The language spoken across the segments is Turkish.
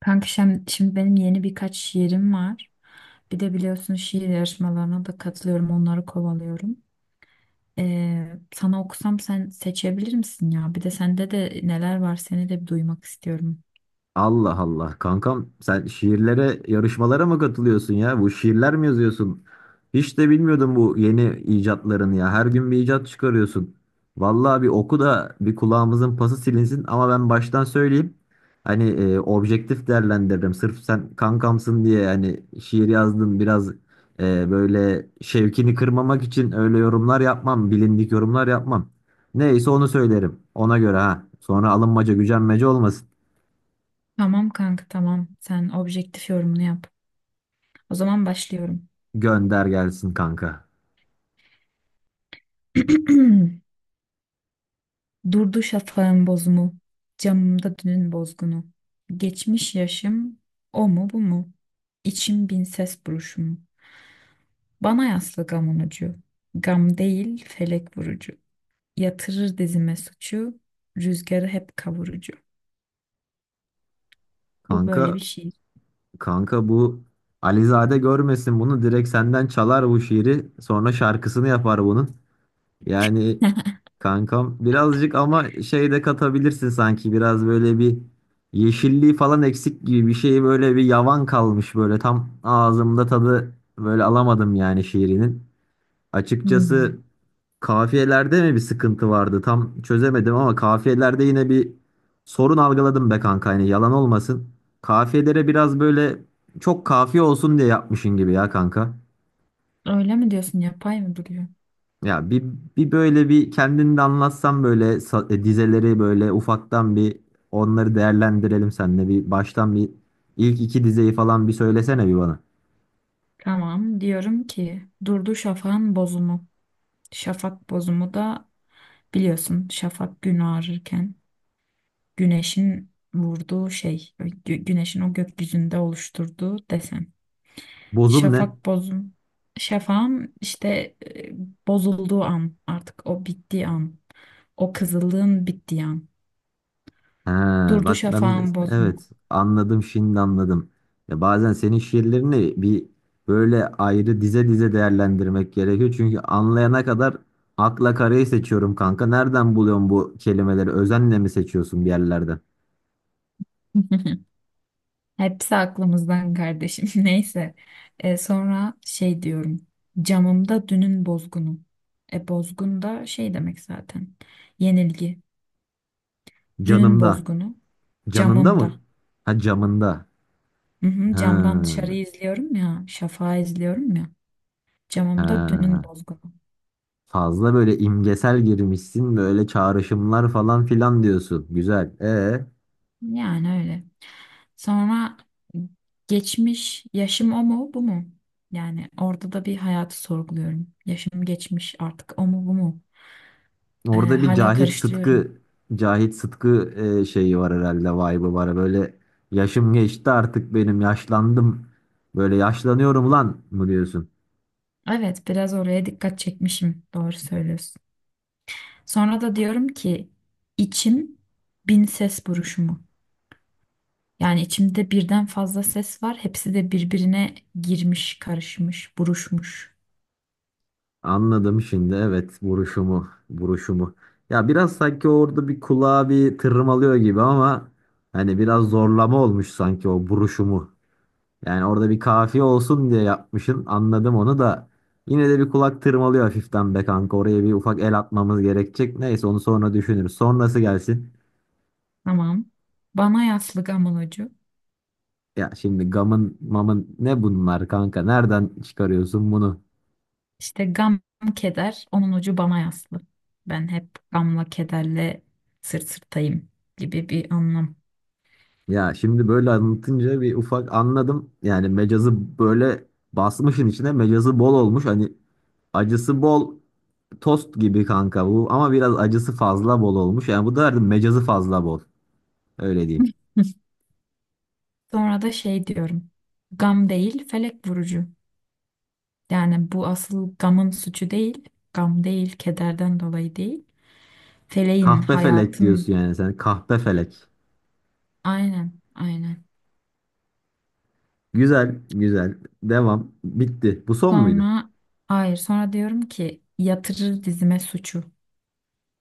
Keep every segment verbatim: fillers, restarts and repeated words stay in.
Kanka şimdi, şimdi benim yeni birkaç şiirim var. Bir de biliyorsun şiir yarışmalarına da katılıyorum, onları kovalıyorum. Ee, sana okusam sen seçebilir misin ya? Bir de sende de neler var seni de bir duymak istiyorum. Allah Allah kankam sen şiirlere yarışmalara mı katılıyorsun ya? Bu şiirler mi yazıyorsun? Hiç de bilmiyordum bu yeni icatlarını ya. Her gün bir icat çıkarıyorsun. Vallahi bir oku da bir kulağımızın pası silinsin ama ben baştan söyleyeyim. Hani e, objektif değerlendiririm. Sırf sen kankamsın diye hani şiir yazdın biraz e, böyle şevkini kırmamak için öyle yorumlar yapmam. Bilindik yorumlar yapmam. Neyse onu söylerim. Ona göre ha. Sonra alınmaca gücenmece olmasın. Tamam kanka, tamam. Sen objektif yorumunu yap. O zaman başlıyorum. Gönder gelsin kanka. Durdu şafağın bozumu, camımda dünün bozgunu. Geçmiş yaşım, o mu bu mu? İçim bin ses buruşumu. Bana yaslı gamın ucu. Gam değil, felek vurucu. Yatırır dizime suçu. Rüzgarı hep kavurucu. Bu böyle bir Kanka şiir. kanka bu Alizade görmesin bunu direkt senden çalar bu şiiri sonra şarkısını yapar bunun. Yani kankam birazcık ama şey de katabilirsin sanki biraz böyle bir yeşilliği falan eksik gibi bir şey böyle bir yavan kalmış böyle tam ağzımda tadı böyle alamadım yani şiirinin. Açıkçası Hmm. kafiyelerde mi bir sıkıntı vardı? Tam çözemedim ama kafiyelerde yine bir sorun algıladım be kanka. Yani yalan olmasın. Kafiyelere biraz böyle çok kafiye olsun diye yapmışın gibi ya kanka. Öyle mi diyorsun, yapay mı duruyor? Ya bir, bir böyle bir kendini de anlatsan böyle sa- e, dizeleri böyle ufaktan bir onları değerlendirelim seninle. Bir baştan bir ilk iki dizeyi falan bir söylesene bir bana. Tamam, diyorum ki durdu şafağın bozumu. Şafak bozumu da biliyorsun, şafak gün ağrırken güneşin vurduğu şey. gü- Güneşin o gökyüzünde oluşturduğu desen. Bozum ne? Şafak bozum. Şafağın işte e, bozulduğu an, artık o bittiği an. O kızılığın bittiği an. Ha, Durdu bak ben şafağın mes- bozma. evet anladım şimdi anladım. Ya bazen senin şiirlerini bir böyle ayrı dize dize değerlendirmek gerekiyor. Çünkü anlayana kadar akla karayı seçiyorum kanka. Nereden buluyorsun bu kelimeleri? Özenle mi seçiyorsun bir yerlerden? Hepsi aklımızdan kardeşim. Neyse. E, sonra şey diyorum. Camımda dünün bozgunu. E, bozgun da şey demek zaten. Yenilgi. Dünün Canımda. bozgunu. Canında mı? Camımda. Ha camında. Hı hı, camdan Ha, dışarıyı izliyorum ya. Şafağı izliyorum ya. Camımda dünün ha. bozgunu. Fazla böyle imgesel girmişsin. Böyle çağrışımlar falan filan diyorsun. Güzel. E Yani öyle. Sonra geçmiş yaşım, o mu bu mu? Yani orada da bir hayatı sorguluyorum. Yaşım geçmiş artık, o mu bu mu? Ee, Orada bir Hala Cahit karıştırıyorum. Sıtkı Cahit Sıtkı e, şeyi var herhalde vibe'ı var. Böyle yaşım geçti artık benim yaşlandım. Böyle yaşlanıyorum lan mı diyorsun? Evet, biraz oraya dikkat çekmişim. Doğru söylüyorsun. Sonra da diyorum ki içim bin ses buruşumu. Yani içimde birden fazla ses var. Hepsi de birbirine girmiş, karışmış, buruşmuş. Anladım şimdi evet vuruşumu vuruşumu. Ya biraz sanki orada bir kulağa bir tırmalıyor gibi ama hani biraz zorlama olmuş sanki o vuruşumu. Yani orada bir kafiye olsun diye yapmışsın. Anladım onu da. Yine de bir kulak tırmalıyor hafiften be kanka. Oraya bir ufak el atmamız gerekecek. Neyse onu sonra düşünürüz. Sonrası gelsin. Tamam. Bana yaslı gamulocu. Ya şimdi gamın mamın ne bunlar kanka? Nereden çıkarıyorsun bunu? İşte gam, keder, onun ucu bana yaslı. Ben hep gamla kederle sırt sırtayım gibi bir anlam. Ya şimdi böyle anlatınca bir ufak anladım. Yani mecazı böyle basmışın içine mecazı bol olmuş. Hani acısı bol tost gibi kanka bu. Ama biraz acısı fazla bol olmuş. Yani bu derdim mecazı fazla bol. Öyle diyeyim. Sonra da şey diyorum. Gam değil, felek vurucu. Yani bu asıl gamın suçu değil. Gam değil, kederden dolayı değil. Feleğin, Kahpefelek diyorsun hayatın. yani sen. Kahpefelek. Aynen, aynen. Güzel, güzel. Devam. Bitti. Bu son muydu? Sonra, hayır, sonra diyorum ki yatırır dizime suçu.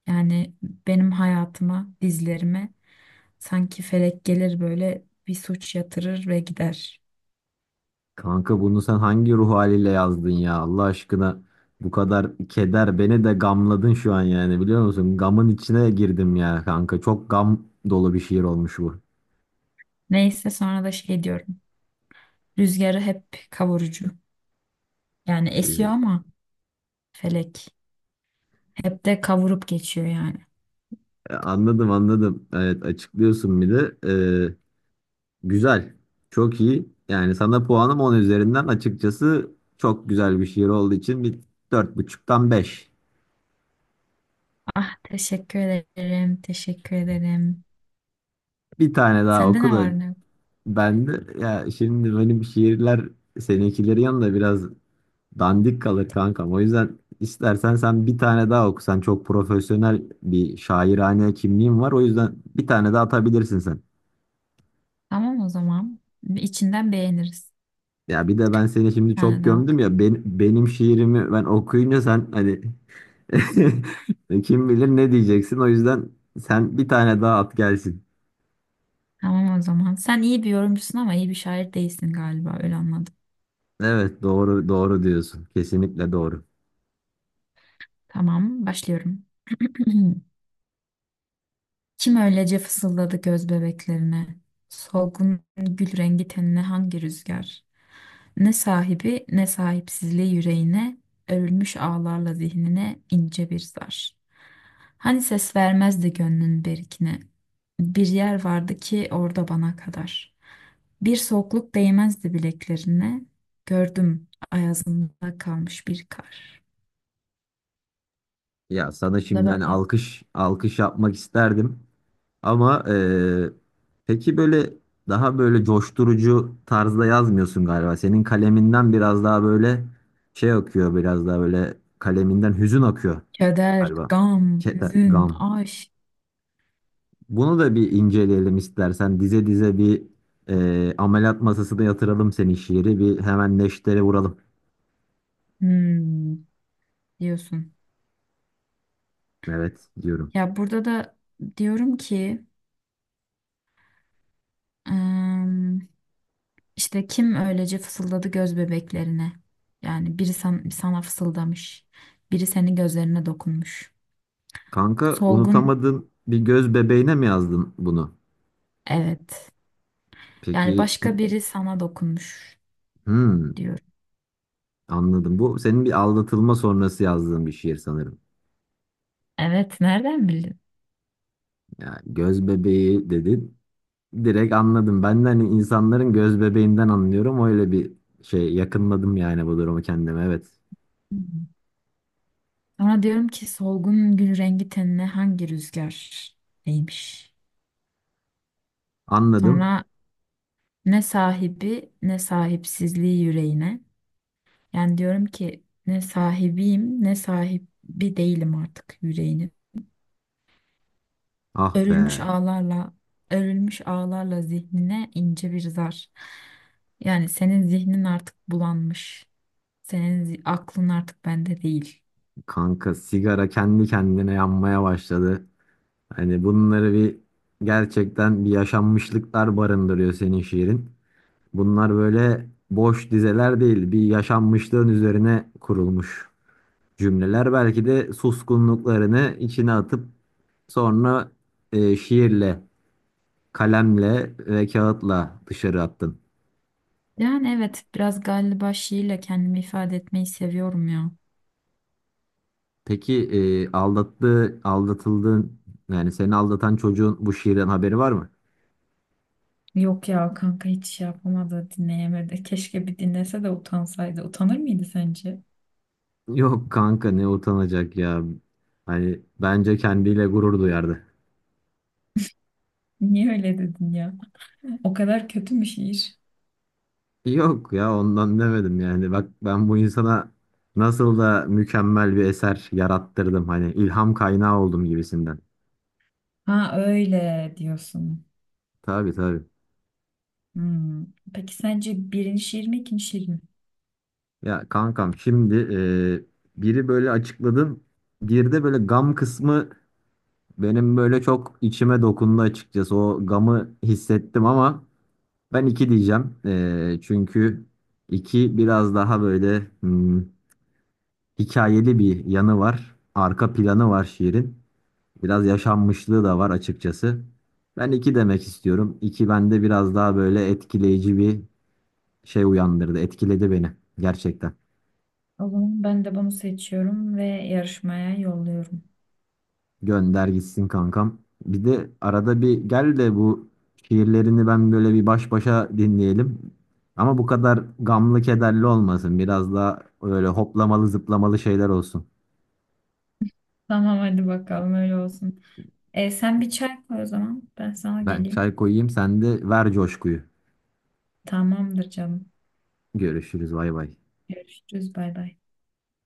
Yani benim hayatıma, dizlerime sanki felek gelir, böyle bir suç yatırır ve gider. Kanka bunu sen hangi ruh haliyle yazdın ya? Allah aşkına bu kadar keder beni de gamladın şu an yani biliyor musun? Gamın içine girdim ya kanka. Çok gam dolu bir şiir olmuş bu. Neyse, sonra da şey diyorum. Rüzgarı hep kavurucu. Yani esiyor ama felek hep de kavurup geçiyor yani. Ee, Anladım anladım. Evet açıklıyorsun bir de. Ee, güzel. Çok iyi. Yani sana puanım on üzerinden açıkçası çok güzel bir şiir olduğu için bir dört buçuktan beş. Ah, teşekkür ederim, teşekkür ederim. Bir tane daha Sende oku ne da var ne yok? ben de ya şimdi benim şiirler seninkileri yanında biraz dandik kalır kankam. O yüzden istersen sen bir tane daha oku. Sen çok profesyonel bir şairane kimliğin var. O yüzden bir tane daha atabilirsin sen. Tamam o zaman. İçinden beğeniriz. Ya bir de ben seni Bir şimdi tane çok daha gömdüm ya okudum. ben, benim şiirimi ben okuyunca sen hani kim bilir ne diyeceksin. O yüzden sen bir tane daha at gelsin. Tamam o zaman. Sen iyi bir yorumcusun ama iyi bir şair değilsin galiba, öyle anladım. Evet doğru doğru diyorsun. Kesinlikle doğru. Tamam, başlıyorum. Kim öylece fısıldadı göz bebeklerine? Solgun gül rengi tenine hangi rüzgar? Ne sahibi ne sahipsizliği yüreğine, örülmüş ağlarla zihnine ince bir zar. Hani ses vermezdi gönlün berikine. Bir yer vardı ki orada bana kadar. Bir soğukluk değmezdi bileklerine. Gördüm ayazında kalmış bir kar. Ya sana Bu da şimdiden böyle. alkış alkış yapmak isterdim ama eee, peki böyle daha böyle coşturucu tarzda yazmıyorsun galiba. Senin kaleminden biraz daha böyle şey akıyor biraz daha böyle kaleminden hüzün akıyor Keder, galiba. gam, Keder, hüzün, gam. aşk. Bunu da bir inceleyelim istersen dize dize bir eee ameliyat masasına yatıralım senin şiiri bir hemen neşteri vuralım. Hmm. Diyorsun. Evet diyorum. Ya burada da diyorum ki ım, işte kim öylece fısıldadı göz bebeklerine. Yani biri san- sana fısıldamış. Biri senin gözlerine dokunmuş. Kanka Solgun, unutamadığın bir göz bebeğine mi yazdın bunu? evet. Yani Peki. başka biri sana dokunmuş Hmm, diyorum. anladım. Bu senin bir aldatılma sonrası yazdığın bir şiir sanırım. Evet, nereden bildin? Ya göz bebeği dedin. Direkt anladım. Ben de hani insanların göz bebeğinden anlıyorum. Öyle bir şey yakınladım yani bu durumu kendime. Evet. Hmm. Sonra diyorum ki solgun gül rengi tenine hangi rüzgar değmiş? Anladım. Sonra ne sahibi ne sahipsizliği yüreğine. Yani diyorum ki ne sahibiyim ne sahibi değilim artık yüreğinin. Ah be. Örülmüş ağlarla, örülmüş ağlarla zihnine ince bir zar. Yani senin zihnin artık bulanmış. Senin zi- aklın artık bende değil. Kanka sigara kendi kendine yanmaya başladı. Hani bunları bir gerçekten bir yaşanmışlıklar barındırıyor senin şiirin. Bunlar böyle boş dizeler değil. Bir yaşanmışlığın üzerine kurulmuş cümleler belki de suskunluklarını içine atıp sonra e, şiirle, kalemle ve kağıtla dışarı attın. Yani evet, biraz galiba şiirle kendimi ifade etmeyi seviyorum ya. Peki e, aldattığı, aldatıldığın yani seni aldatan çocuğun bu şiirden haberi var mı? Yok ya kanka, hiç şey yapamadı, dinleyemedi. Keşke bir dinlese de utansaydı. Utanır mıydı sence? Yok kanka ne utanacak ya. Hani bence kendiyle gurur duyardı. Niye öyle dedin ya? O kadar kötü mü şiir? Yok ya ondan demedim yani. Bak ben bu insana nasıl da mükemmel bir eser yarattırdım hani ilham kaynağı oldum gibisinden. Ha, öyle diyorsun. Tabii tabii. Hmm. Peki sence birinci şiir mi ikinci şiir mi? Ya kankam şimdi e, biri böyle açıkladın. Bir de böyle gam kısmı benim böyle çok içime dokundu açıkçası. O gamı hissettim ama ben iki diyeceğim. E, çünkü iki biraz daha böyle hmm, hikayeli bir yanı var. Arka planı var şiirin. Biraz yaşanmışlığı da var açıkçası. Ben iki demek istiyorum. İki bende biraz daha böyle etkileyici bir şey uyandırdı. Etkiledi beni gerçekten. O zaman ben de bunu seçiyorum ve yarışmaya yolluyorum. Gönder gitsin kankam. Bir de arada bir gel de bu şiirlerini ben böyle bir baş başa dinleyelim. Ama bu kadar gamlı kederli olmasın. Biraz daha öyle hoplamalı zıplamalı şeyler olsun. Tamam, hadi bakalım öyle olsun. E, sen bir çay koy o zaman. Ben sana Ben geleyim. çay koyayım sen de ver coşkuyu. Tamamdır canım. Görüşürüz bay bay. Görüşürüz, bay bay.